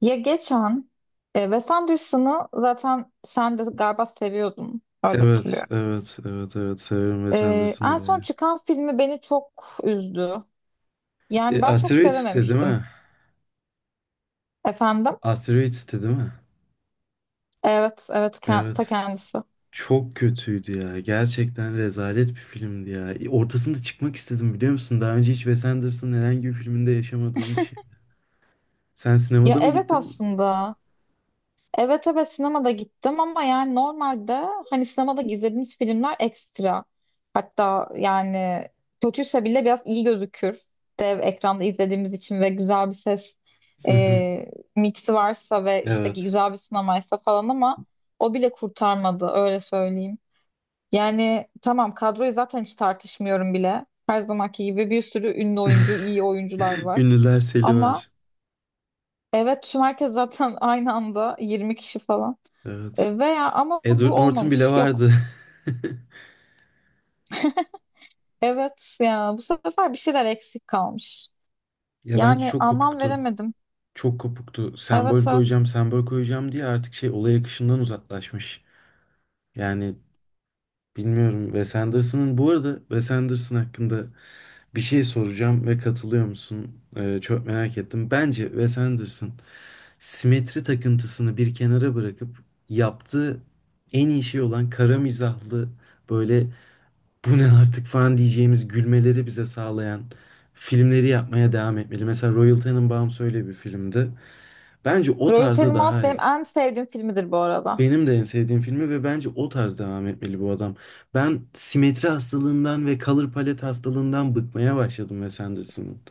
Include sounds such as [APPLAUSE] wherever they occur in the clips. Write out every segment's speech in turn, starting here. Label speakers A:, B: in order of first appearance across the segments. A: Ya geçen Wes Anderson'ı zaten sen de galiba seviyordun. Öyle
B: Evet,
A: hatırlıyorum.
B: evet, evet, evet. Severim Wes Anderson
A: En son
B: be.
A: çıkan filmi beni çok üzdü. Yani ben çok
B: Asteroids'ti değil
A: sevememiştim.
B: mi?
A: Efendim?
B: Asteroids'ti değil mi?
A: Evet, evet, ta
B: Evet.
A: kendisi.
B: Çok kötüydü ya. Gerçekten rezalet bir filmdi ya. Ortasında çıkmak istedim biliyor musun? Daha önce hiç Wes Anderson'ın herhangi bir filminde yaşamadığım bir şey. Sen
A: Ya
B: sinemada mı
A: evet,
B: gittin?
A: aslında. Evet, evet, sinemada gittim ama yani normalde hani sinemada izlediğimiz filmler ekstra. Hatta yani kötüyse bile biraz iyi gözükür. Dev ekranda izlediğimiz için ve güzel bir ses
B: Hı hı.
A: miksi varsa ve işte
B: Evet.
A: güzel bir sinemaysa falan ama o bile kurtarmadı, öyle söyleyeyim. Yani tamam, kadroyu zaten hiç tartışmıyorum bile. Her zamanki gibi bir sürü ünlü oyuncu, iyi oyuncular
B: [LAUGHS]
A: var.
B: Ünlüler seli
A: Ama
B: var.
A: evet tüm herkes zaten [LAUGHS] aynı anda 20 kişi falan.
B: Evet.
A: Veya ama bu
B: Edward Norton bile
A: olmamış. Yok.
B: vardı. [LAUGHS]
A: Evet ya, bu sefer bir şeyler eksik kalmış.
B: Ya bence
A: Yani
B: çok
A: anlam
B: kopuktu.
A: veremedim.
B: Çok kopuktu.
A: Evet,
B: Sembol
A: evet.
B: koyacağım, sembol koyacağım diye artık şey olay akışından uzaklaşmış. Yani bilmiyorum. Wes Anderson'ın bu arada Wes Anderson hakkında bir şey soracağım ve katılıyor musun? Çok merak ettim. Bence Wes Anderson simetri takıntısını bir kenara bırakıp yaptığı en iyi şey olan kara mizahlı böyle bu ne artık falan diyeceğimiz gülmeleri bize sağlayan filmleri yapmaya devam etmeli. Mesela Royal Tenenbaums öyle bir filmdi. Bence o
A: Royal
B: tarzı
A: Tenenbaums
B: daha
A: benim
B: iyi.
A: en sevdiğim filmidir bu arada.
B: Benim de en sevdiğim filmi ve bence o tarz devam etmeli bu adam. Ben simetri hastalığından ve color palette hastalığından bıkmaya başladım Wes Anderson'ın.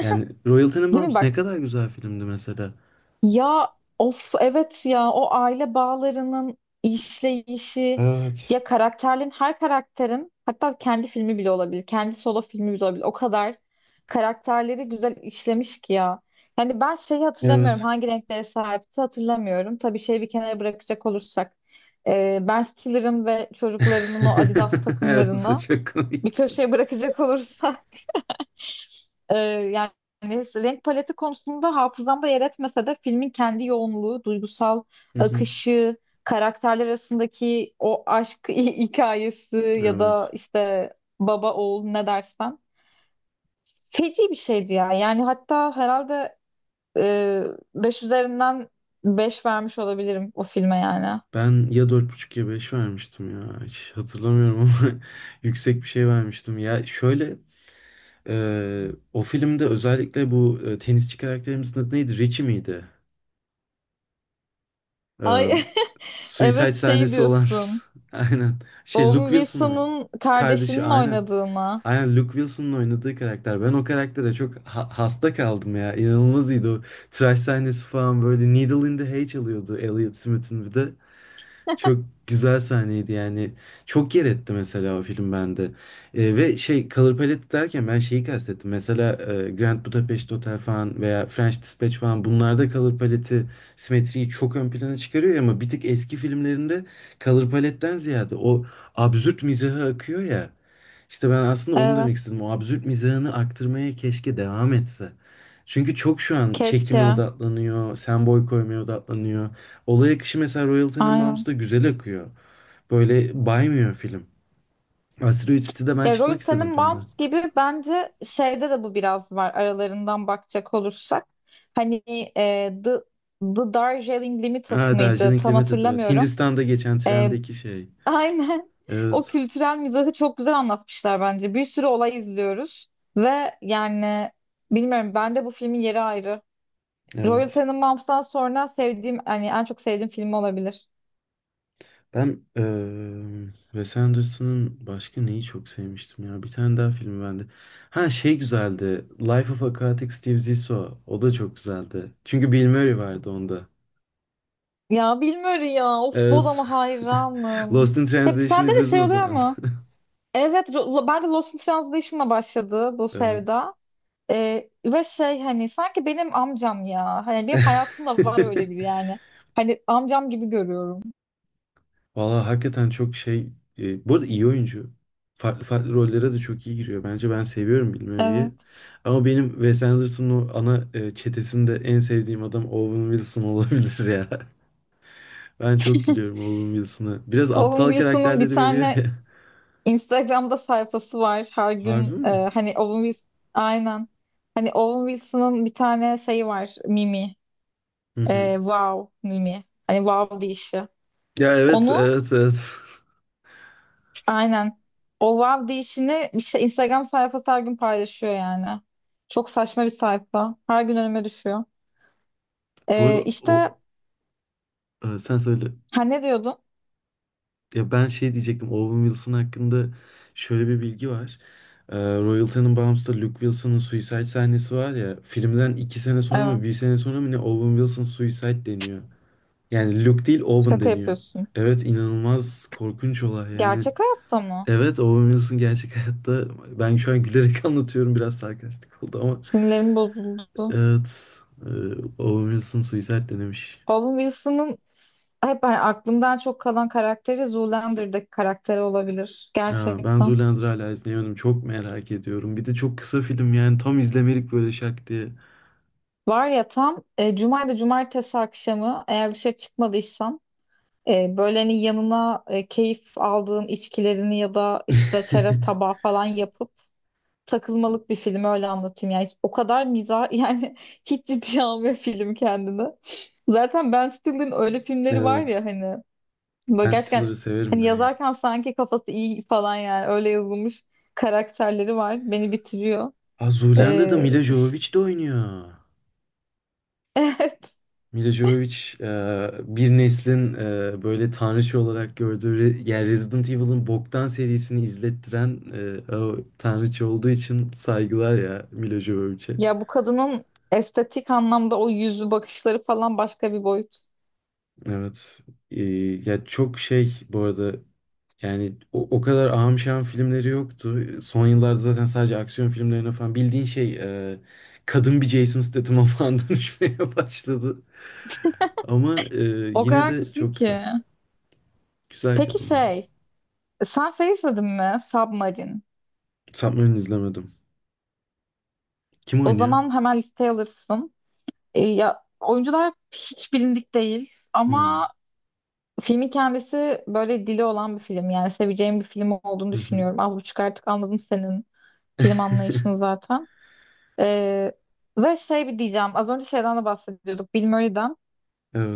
B: Yani Royal
A: Değil mi
B: Tenenbaums ne
A: bak?
B: kadar güzel filmdi mesela.
A: Ya of, evet ya, o aile bağlarının işleyişi,
B: Evet.
A: ya karakterin, her karakterin hatta kendi filmi bile olabilir. Kendi solo filmi bile olabilir. O kadar karakterleri güzel işlemiş ki ya. Yani ben şeyi hatırlamıyorum,
B: Evet.
A: hangi renklere sahipti hatırlamıyorum. Tabii şeyi bir kenara bırakacak olursak, Ben Stiller'ın ve çocuklarının o Adidas
B: [LAUGHS] Evet, o
A: takımlarını
B: çok
A: bir
B: komikti.
A: köşeye bırakacak olursak, yani renk paleti konusunda hafızamda yer etmese de filmin kendi yoğunluğu, duygusal
B: Hı hı,
A: akışı, karakterler arasındaki o aşk [LAUGHS] hikayesi ya da
B: evet.
A: işte baba oğul ne dersen feci bir şeydi ya. Yani hatta herhalde e, beş üzerinden 5 vermiş olabilirim o filme yani.
B: Ben ya dört buçuk ya 5 vermiştim ya. Hiç hatırlamıyorum ama [LAUGHS] yüksek bir şey vermiştim. Ya şöyle o filmde özellikle bu tenisçi karakterimizin adı neydi? Richie miydi? E,
A: Ay [LAUGHS] evet,
B: Suicide
A: şey
B: sahnesi olan
A: diyorsun.
B: [LAUGHS] aynen. Şey Luke
A: Owen
B: Wilson oynadı.
A: Wilson'ın
B: Kardeşi
A: kardeşinin
B: aynen.
A: oynadığı mı?
B: Aynen Luke Wilson'ın oynadığı karakter. Ben o karaktere çok hasta kaldım ya. İnanılmaz iyiydi o. Tıraş sahnesi falan böyle Needle in the Hay çalıyordu Elliot Smith'in bir de. Çok güzel sahneydi yani. Çok yer etti mesela o film bende. Ve şey Color Palette derken ben şeyi kastettim. Mesela Grand Budapest Hotel falan veya French Dispatch falan bunlarda Color Palette'i, simetriyi çok ön plana çıkarıyor ama bir tık eski filmlerinde Color Palette'den ziyade o absürt mizahı akıyor ya. İşte ben aslında onu demek
A: Evet.
B: istedim. O absürt mizahını aktarmaya keşke devam etse. Çünkü çok şu an çekime
A: Keşke.
B: odaklanıyor, sembol koymaya odaklanıyor. Olay akışı mesela Royal
A: Aynen.
B: Tenenbaums'da güzel akıyor. Böyle baymıyor film. Asteroid City'de ben
A: Ya Royal
B: çıkmak istedim filmden.
A: Tenenbaums gibi bence şeyde de bu biraz var, aralarından bakacak olursak. Hani e, The, The Darjeeling Limited
B: Aa,
A: mıydı?
B: Darjeeling
A: Tam
B: Limited evet.
A: hatırlamıyorum.
B: Hindistan'da geçen
A: E,
B: trendeki şey.
A: aynen. [LAUGHS] O
B: Evet.
A: kültürel mizahı çok güzel anlatmışlar bence. Bir sürü olay izliyoruz ve yani bilmiyorum, bende bu filmin yeri ayrı. Royal
B: Evet.
A: Tenenbaums'tan sonra sevdiğim, hani en çok sevdiğim film olabilir.
B: Ben Wes Anderson'ın başka neyi çok sevmiştim ya. Bir tane daha film bende. Ha şey güzeldi. Life of Aquatic Steve Zissou. O da çok güzeldi. Çünkü Bill Murray vardı onda.
A: Ya bilmiyorum ya. Of,
B: Evet.
A: Bodam'a
B: [LAUGHS]
A: hayranım.
B: Lost in
A: Hep
B: Translation
A: sende de
B: izledin
A: şey
B: o
A: oluyor
B: zaman.
A: mu? Evet, ben de Lost in Translation'la başladı bu
B: [LAUGHS] Evet.
A: sevda. Ve şey hani sanki benim amcam ya. Hani benim hayatımda var öyle biri
B: [LAUGHS]
A: yani. Hani amcam gibi görüyorum.
B: Valla hakikaten çok şey. Bu arada iyi oyuncu. Farklı farklı rollere de çok iyi giriyor. Bence ben seviyorum Bill Murray'i.
A: Evet.
B: Ama benim Wes Anderson'ın o ana çetesinde en sevdiğim adam Owen Wilson olabilir ya. [LAUGHS] Ben çok gülüyorum Owen Wilson'a. Biraz
A: Owen
B: aptal
A: Wilson'ın bir
B: karakterleri veriyor
A: tane
B: ya.
A: Instagram'da sayfası var. Her
B: [LAUGHS] Harbi
A: gün
B: mi?
A: hani Owen Wilson, aynen. Hani Owen Wilson'ın bir tane şeyi var. Mimi.
B: Hı hı.
A: Wow Mimi. Hani wow deyişi.
B: Ya evet
A: Onu,
B: evet evet. [LAUGHS]
A: aynen. O wow deyişini işte Instagram sayfası her gün paylaşıyor yani. Çok saçma bir sayfa. Her gün önüme düşüyor.
B: Bu arada
A: İşte
B: o sen söyle.
A: ha, ne diyordun?
B: Ya ben şey diyecektim. Owen Wilson hakkında şöyle bir bilgi var. Royal Tenenbaums'ta Luke Wilson'ın suicide sahnesi var ya. Filmden 2 sene sonra mı
A: Evet.
B: bir sene sonra mı ne Owen Wilson suicide deniyor. Yani Luke değil Owen
A: Şaka
B: deniyor.
A: yapıyorsun.
B: Evet, inanılmaz korkunç olay yani.
A: Gerçek hayatta mı?
B: Evet, Owen Wilson gerçek [LAUGHS] hayatta ben şu an gülerek [LAUGHS] anlatıyorum biraz sarkastik oldu ama
A: Sinirlerim bozuldu.
B: evet e, Owen Wilson suicide denemiş.
A: Owen Wilson'ın hep hani aklımdan çok kalan karakteri Zoolander'daki karakteri olabilir.
B: Ya ben
A: Gerçekten.
B: Zoolander'ı hala izleyemedim. Çok merak ediyorum. Bir de çok kısa film yani tam izlemelik böyle şak diye.
A: Var ya tam cumaydı cumartesi akşamı, eğer dışarı çıkmadıysam, böyle hani yanına keyif aldığın içkilerini ya da işte çerez
B: [LAUGHS]
A: tabağı falan yapıp takılmalık bir film, öyle anlatayım. Yani o kadar [LAUGHS] yani hiç ciddiye almıyor film kendini. Zaten Ben Stiller'ın öyle filmleri var
B: Evet.
A: ya, hani böyle
B: Ben
A: gerçekten,
B: Stiller'ı severim
A: hani
B: ben ya.
A: yazarken sanki kafası iyi falan, yani öyle yazılmış karakterleri var. Beni bitiriyor.
B: Ha Zoolander'da
A: Ee,
B: Mila
A: ş-
B: Jovovich de oynuyor.
A: [LAUGHS] evet.
B: Mila Jovovich bir neslin böyle tanrıçı olarak gördüğü yani Resident Evil'ın boktan serisini izlettiren o tanrıçı olduğu için saygılar ya Mila Jovovich'e.
A: Ya bu kadının estetik anlamda o yüzü, bakışları falan başka bir boyut.
B: Evet. E, Ya çok şey bu arada. Yani o kadar ahım şahım filmleri yoktu. Son yıllarda zaten sadece aksiyon filmlerine falan bildiğin şey e, kadın bir Jason Statham'a falan [LAUGHS] dönüşmeye başladı. Ama
A: O kadar
B: yine de
A: haklısın
B: çok güzel.
A: ki.
B: Güzel
A: Peki
B: kadın ya.
A: şey, sen şey izledin mi? Submarine.
B: Submarine izlemedim. Kim
A: O
B: oynuyor?
A: zaman hemen listeye alırsın. Ya oyuncular hiç bilindik değil
B: Hmm.
A: ama filmin kendisi böyle dili olan bir film. Yani seveceğim bir film olduğunu
B: Hı hı.
A: düşünüyorum. Az buçuk artık anladım senin film
B: [LAUGHS]
A: anlayışını zaten. Ee, Ve şey, bir diyeceğim. Az önce şeyden de bahsediyorduk. Bill Murray'den.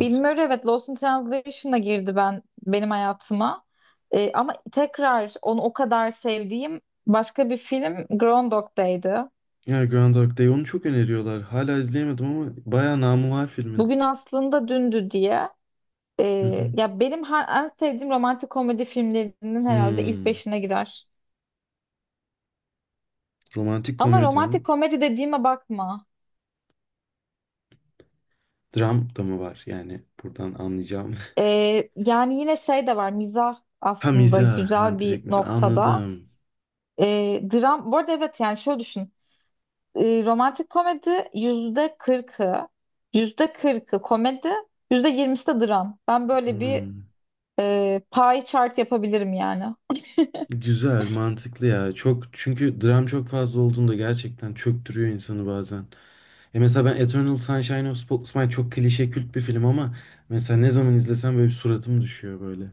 A: Bill Murray, evet, Lost in Translation'a girdi benim hayatıma. Ama tekrar onu o kadar sevdiğim başka bir film Groundhog Day'di.
B: Ya Groundhog Day onu çok öneriyorlar. Hala izleyemedim ama bayağı namı var filmin.
A: Bugün aslında dündü diye.
B: Hı hı.
A: Ya benim en sevdiğim romantik komedi filmlerinin herhalde ilk
B: Hmm.
A: beşine girer.
B: Romantik
A: Ama
B: komedi, ha.
A: romantik komedi dediğime bakma.
B: Dram da mı var? Yani buradan anlayacağım.
A: Yani yine şey de var, mizah
B: Ha
A: aslında
B: mizah, ha
A: güzel bir
B: direkt mizah.
A: noktada.
B: Anladım.
A: Dram, bu arada evet, yani şöyle düşün. Romantik komedi %40'ı, yüzde kırkı komedi, %20'si de dram. Ben böyle bir
B: Hmm.
A: pie chart yapabilirim yani.
B: Güzel, mantıklı ya. Çok çünkü dram çok fazla olduğunda gerçekten çöktürüyor insanı bazen. E mesela ben Eternal Sunshine of Spotless Mind çok klişe kült bir film ama mesela ne zaman izlesem böyle bir suratım düşüyor böyle.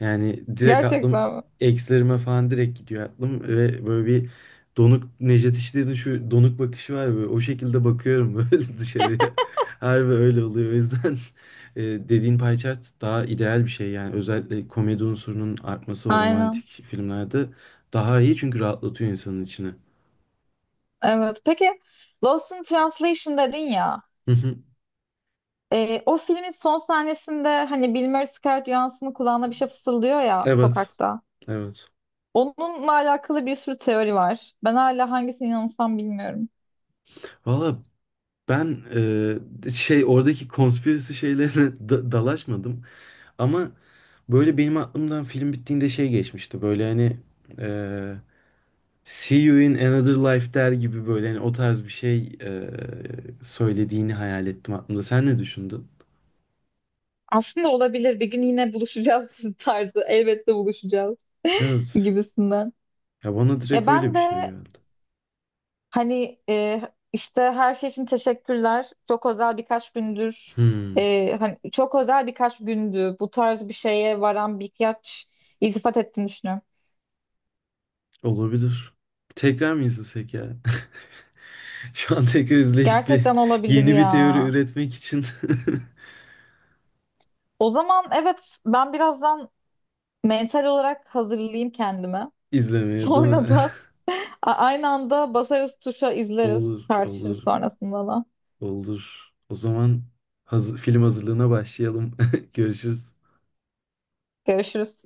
B: Yani direkt aklım
A: Gerçekten mi?
B: ekslerime falan direkt gidiyor aklım ve böyle bir donuk Necdet İşler'in şu donuk bakışı var ya, böyle o şekilde bakıyorum [LAUGHS] böyle dışarıya. Harbi öyle oluyor. O yüzden [LAUGHS] dediğin pie chart daha ideal bir şey yani özellikle komedi unsurunun artması o
A: Aynen.
B: romantik filmlerde daha iyi çünkü rahatlatıyor insanın içini.
A: Evet. Peki Lost in Translation dedin ya.
B: Hı hı.
A: O filmin son sahnesinde hani Bill Murray Scarlett Johansson'ın kulağına bir şey fısıldıyor ya
B: Evet,
A: sokakta.
B: evet.
A: Onunla alakalı bir sürü teori var. Ben hala hangisine inansam bilmiyorum.
B: Valla ben şey oradaki konspirasi şeylerine [LAUGHS] dalaşmadım. Ama böyle benim aklımdan film bittiğinde şey geçmişti. Böyle hani eee See You in Another Life der gibi böyle hani o tarz bir şey söylediğini hayal ettim aklımda. Sen ne düşündün?
A: Aslında olabilir. Bir gün yine buluşacağız [LAUGHS] tarzı. Elbette buluşacağız
B: Evet.
A: gibisinden.
B: Ya bana
A: Ya
B: direkt öyle
A: ben
B: bir şey
A: de
B: geldi.
A: hani işte her şey için teşekkürler. Çok özel birkaç gündür.
B: Hmm,
A: Hani çok özel birkaç gündü. Bu tarz bir şeye varan birkaç iltifat ettiğini düşünüyorum.
B: olabilir. Tekrar mı izlesek ya? [LAUGHS] Şu an tekrar izleyip bir
A: Gerçekten olabilir
B: yeni bir teori
A: ya.
B: üretmek için
A: O zaman evet, ben birazdan mental olarak hazırlayayım kendimi.
B: [LAUGHS] izlemeye değil mi?
A: Sonra
B: [LAUGHS]
A: da [LAUGHS] aynı anda basarız tuşa, izleriz.
B: Olur,
A: Tartışırız
B: olur,
A: sonrasında da.
B: olur. O zaman hazır, film hazırlığına başlayalım. [LAUGHS] Görüşürüz.
A: Görüşürüz.